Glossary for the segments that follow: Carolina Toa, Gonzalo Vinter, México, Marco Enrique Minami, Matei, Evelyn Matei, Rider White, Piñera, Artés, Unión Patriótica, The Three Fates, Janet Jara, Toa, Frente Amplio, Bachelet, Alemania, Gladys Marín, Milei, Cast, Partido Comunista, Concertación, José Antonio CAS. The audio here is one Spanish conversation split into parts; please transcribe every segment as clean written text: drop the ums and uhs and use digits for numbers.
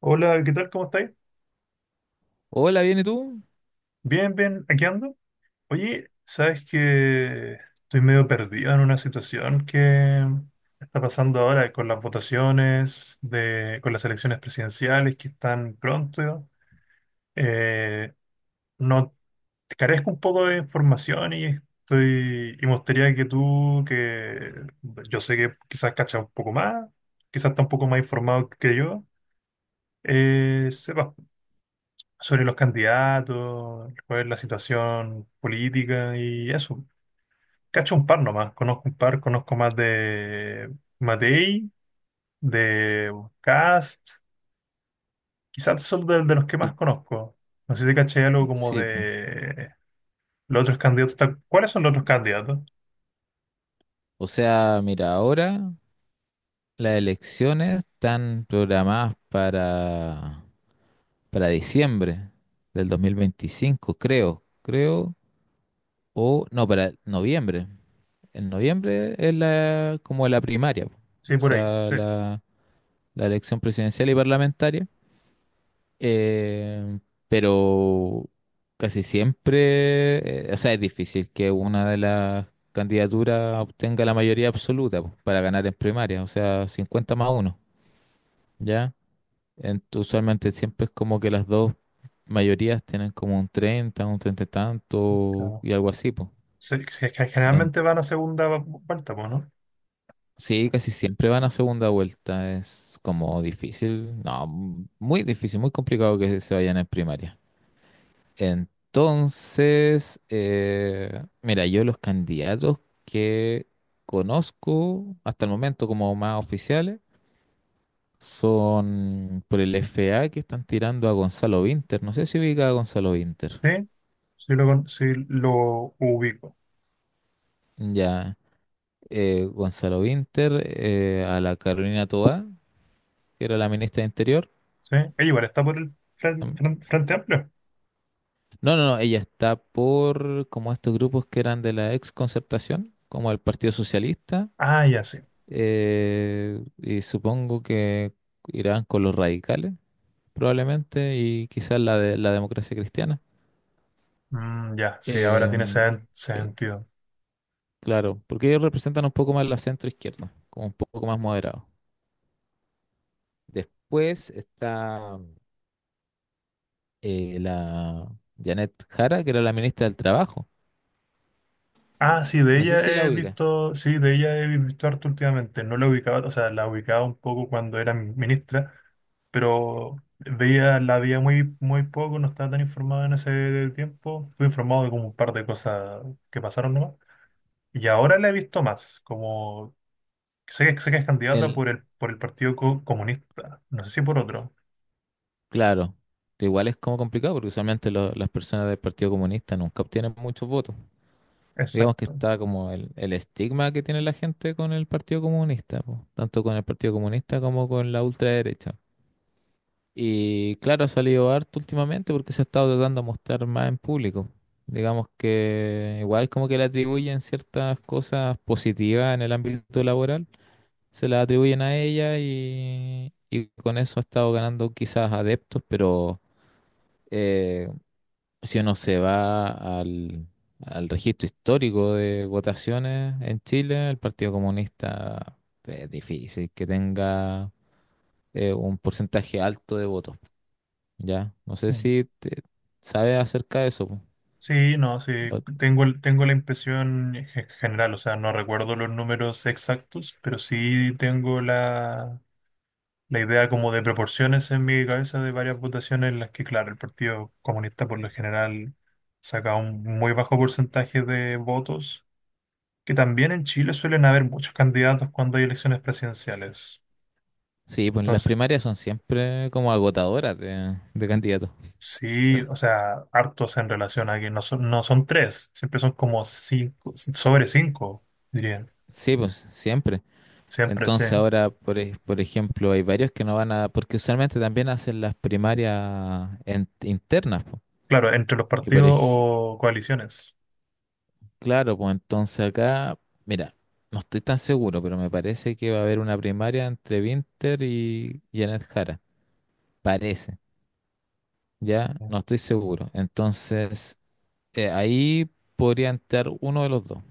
Hola, ¿qué tal? ¿Cómo estáis? Hola, ¿viene tú? Bien, bien, aquí ando. Oye, sabes que estoy medio perdido en una situación que está pasando ahora con las votaciones, con las elecciones presidenciales que están pronto. Eh, no carezco un poco de información y estoy y me gustaría que yo sé que quizás cachas un poco más, quizás está un poco más informado que yo, sepas sobre los candidatos, cuál es la situación política y eso. Cacho un par nomás, conozco un par, conozco más de Matei, de Cast, quizás son de los que L- más conozco. No sé si caché algo como Sí, po. de los otros candidatos. ¿Cuáles son los otros candidatos? O sea, mira, ahora las elecciones están programadas para diciembre del 2025, creo, creo, o no, para noviembre. En noviembre es la, como la primaria, po. Sí, O por ahí, sea, sí. la elección presidencial y parlamentaria. Eh, pero casi siempre, o sea, es difícil que una de las candidaturas obtenga la mayoría absoluta po, para ganar en primaria, o sea, 50 más 1, ¿ya? Usualmente siempre es como que las dos mayorías tienen como un 30 y tanto Claro. y algo así, pues. Sí, sí, es que generalmente van a segunda vuelta, pues, ¿no? Sí, casi siempre van a segunda vuelta, es como difícil, no, muy difícil, muy complicado que se vayan en primaria. Entonces, mira, yo los candidatos que conozco hasta el momento como más oficiales son por el FA, que están tirando a Gonzalo Vinter. No sé si ubica a Gonzalo Vinter. Sí, sí lo ubico. Ya, Gonzalo Vinter, a la Carolina Toa, que era la ministra de Interior. Sí, igual está por el Mm, Frente Amplio. No, no, no, ella está por como estos grupos que eran de la ex Concertación, como el Partido Socialista. Ah, ya, sí. Y supongo que irán con los radicales, probablemente, y quizás la de la democracia cristiana. Mm, ya, sí, ahora tiene Em, eh, sentido. claro, porque ellos representan un poco más la centro izquierda, como un poco más moderado. Después está la Janet Jara, que era la ministra del Trabajo. Ah, sí, de No sé ella si la he ubica. visto, sí, de ella he visto harto últimamente. No la ubicaba, o sea, la ubicaba un poco cuando era ministra, pero veía, la veía muy, muy poco, no estaba tan informado en ese tiempo. Estuve informado de como un par de cosas que pasaron nomás. Y ahora la he visto más, como sé que es candidata El, por el Comunista, no sé si por otro. claro, igual es como complicado, porque usualmente las personas del Partido Comunista nunca obtienen muchos votos. Digamos que Exacto. está como el estigma que tiene la gente con el Partido Comunista, po, tanto con el Partido Comunista como con la ultraderecha. Y claro, ha salido harto últimamente porque se ha estado tratando de mostrar más en público. Digamos que igual como que le atribuyen ciertas cosas positivas en el ámbito laboral, se las atribuyen a ella, y con eso ha estado ganando quizás adeptos, pero... eh, si uno se va al, al registro histórico de votaciones en Chile, el Partido Comunista es difícil que tenga un porcentaje alto de votos, ¿ya? No sé si sabes acerca de eso, po. Sí, no, sí, O- tengo la impresión en general, o sea, no recuerdo los números exactos, pero sí tengo la idea como de proporciones en mi cabeza de varias votaciones en las que, claro, el Partido Comunista por lo general saca un muy bajo porcentaje de votos, que también en Chile suelen haber muchos candidatos cuando hay elecciones presidenciales. sí, pues las Entonces, primarias son siempre como agotadoras de candidatos. sí, o sea, hartos en relación a que no son tres, siempre son como cinco, sobre cinco, diría. Sí, pues siempre. Siempre, sí. Entonces ahora, por ejemplo, hay varios que no van a, porque usualmente también hacen las primarias internas, po. Claro, entre los Y por, partidos ej- o coaliciones. Claro, pues entonces acá, mira, no estoy tan seguro, pero me parece que va a haber una primaria entre Winter y Janet Jara. Parece, ya, no estoy seguro. Entonces, ahí podría entrar uno de los dos.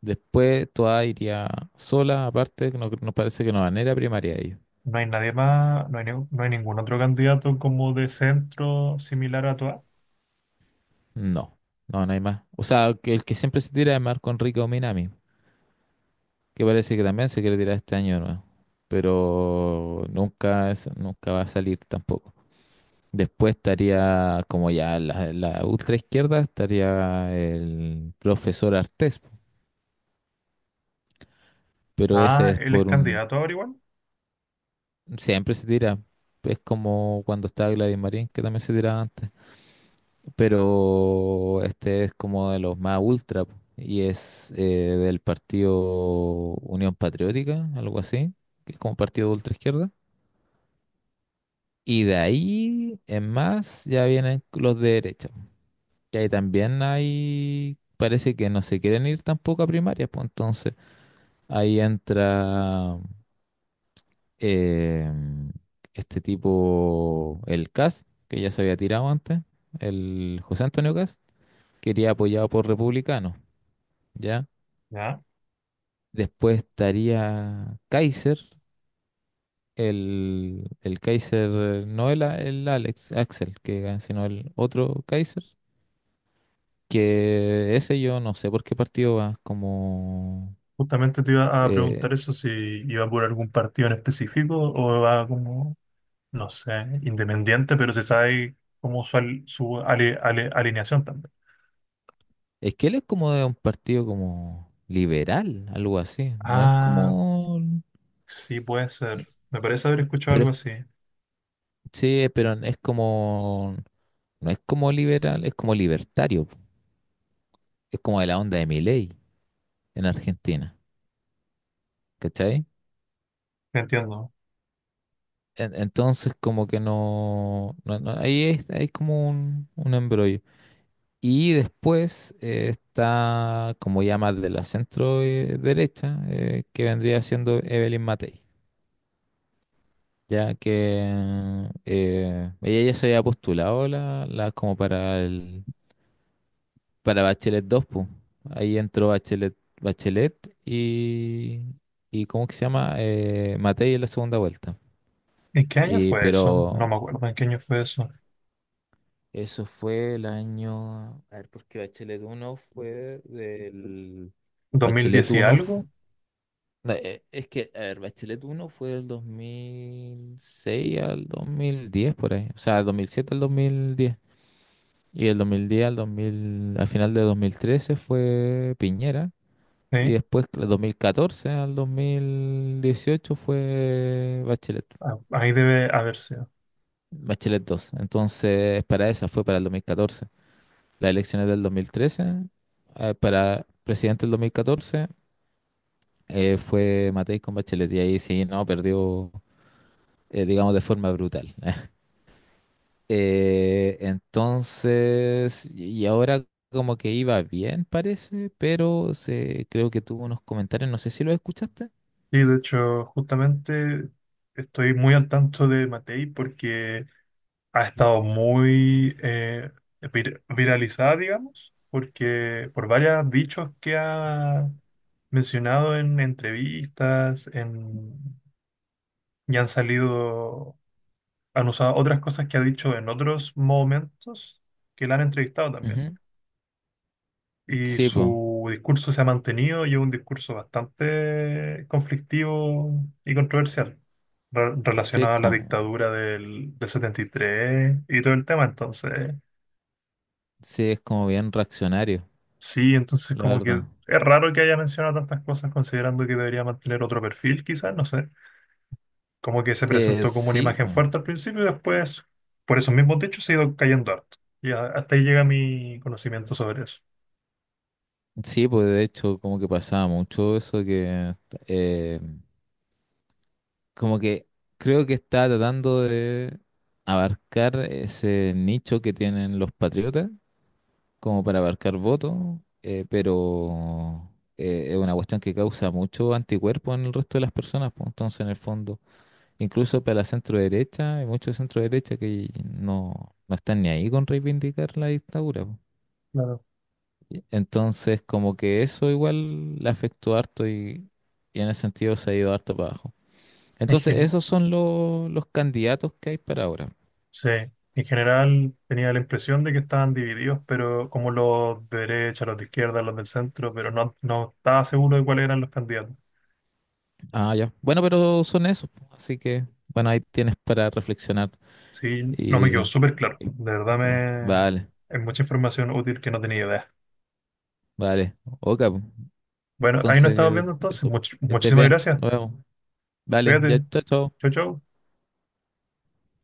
Después toda iría sola, aparte, que no, no parece que no van a ir a primaria ellos. No hay nadie más, no hay ningún otro candidato como de centro similar a Toa. No, no, no hay más. O sea, que el que siempre se tira es Marco Enrique Minami, que parece que también se quiere tirar este año nuevo. Pero nunca, nunca va a salir tampoco. Después estaría como ya la ultra izquierda, estaría el profesor Artés, pero ese Ah, es él es por un... candidato ahora igual. Siempre se tira, es como cuando estaba Gladys Marín, que también se tiraba antes, pero este es como de los más ultra po, y es del partido Unión Patriótica, algo así, que es como partido de ultra izquierda. Y de ahí en más ya vienen los de derecha. Que ahí también hay, parece que no se quieren ir tampoco a primaria, pues entonces ahí entra eh, este tipo, el CAS, que ya se había tirado antes, el José Antonio CAS, que iría apoyado por republicanos, ¿ya? Ya. Después estaría Kaiser, el Kaiser, no el Alex, Axel, que gana, sino el otro Kaiser, que ese yo no sé por qué partido va, como... Justamente te iba a eh, preguntar eso, si iba por algún partido en específico o va como, no sé, independiente, pero se sabe como su, al- su ale- ale- alineación también. Es que él es como de un partido como liberal, algo así. No es Ah, como... sí, puede ser. Me parece haber escuchado Pero algo así. sí, pero es como... No es como liberal, es como libertario, po. Es como de la onda de Milei en Argentina. ¿Cachai? Entiendo. Entonces como que no... ahí es, hay como un embrollo. Y después está como ya más de la centro derecha, que vendría siendo Evelyn Matei. Ya que ella ya se había postulado la como para el para Bachelet dos, pues. Ahí entró Bachelet, Bachelet y ¿cómo que se llama? Matei en la segunda vuelta. ¿En qué año Y, fue eso? pero No me acuerdo en qué año fue eso. eso fue el año. A ver, porque Bachelet 1 fue del. Dos mil Bachelet diez y 1 algo, no, es que, a ver, Bachelet 1 fue del 2006 al 2010 por ahí. O sea, del 2007 al 2010. Y el 2010 al 2000, al final de 2013 fue Piñera. Y ¿sí? después, del 2014 al 2018 fue Bachelet, Ah, ahí debe haber sido. Bachelet dos. Entonces, para esa fue para el 2014. Las elecciones del 2013, para presidente del 2014, fue Matei con Bachelet. Y ahí sí, no, perdió, digamos, de forma brutal. Entonces, y ahora como que iba bien, parece, pero se, creo que tuvo unos comentarios, no sé si los escuchaste. Sí, de hecho, justamente estoy muy al tanto de Matei porque ha estado muy viralizada, digamos, porque por varios dichos que ha mencionado en entrevistas, en, y han salido, han usado otras cosas que ha dicho en otros momentos que la han entrevistado también. Ujú. Y Sí, pues, su discurso se ha mantenido y es un discurso bastante conflictivo y controversial sí es relacionado a la como, dictadura del 73 y todo el tema. Entonces, sí es como bien reaccionario, sí, entonces la como que verdad. es raro que haya mencionado tantas cosas considerando que debería mantener otro perfil, quizás, no sé. Como que se presentó como una Sí, po. imagen fuerte al principio y después, por esos mismos dichos, se ha ido cayendo harto. Hasta ahí llega mi conocimiento sobre eso. Sí, pues de hecho como que pasaba mucho eso que eh, como que creo que está tratando de abarcar ese nicho que tienen los patriotas como para abarcar voto, pero es una cuestión que causa mucho anticuerpo en el resto de las personas, pues, entonces en el fondo, incluso para la centro derecha, hay muchos de centro derecha que no, no están ni ahí con reivindicar la dictadura, pues. Claro. Y entonces, como que eso igual le afectó harto y en ese sentido se ha ido harto para abajo. En, Entonces, gen- esos son los candidatos que hay para ahora. Sí, en general tenía la impresión de que estaban divididos, pero como los de derecha, los de izquierda, los del centro, pero no, no estaba seguro de cuáles eran los candidatos. Ah, ya. Bueno, pero son esos, pues, así que, bueno, ahí tienes para reflexionar. Sí, no me Y, quedó y- súper claro. De verdad me... vale, Es mucha información útil que no tenía idea. vale. Ok, pues, Bueno, ahí nos estamos entonces, viendo entonces. eso. Que estés Muchísimas bien. gracias. Nos vemos. Vale, ya, Cuídate. chao, chao. Chau, chau.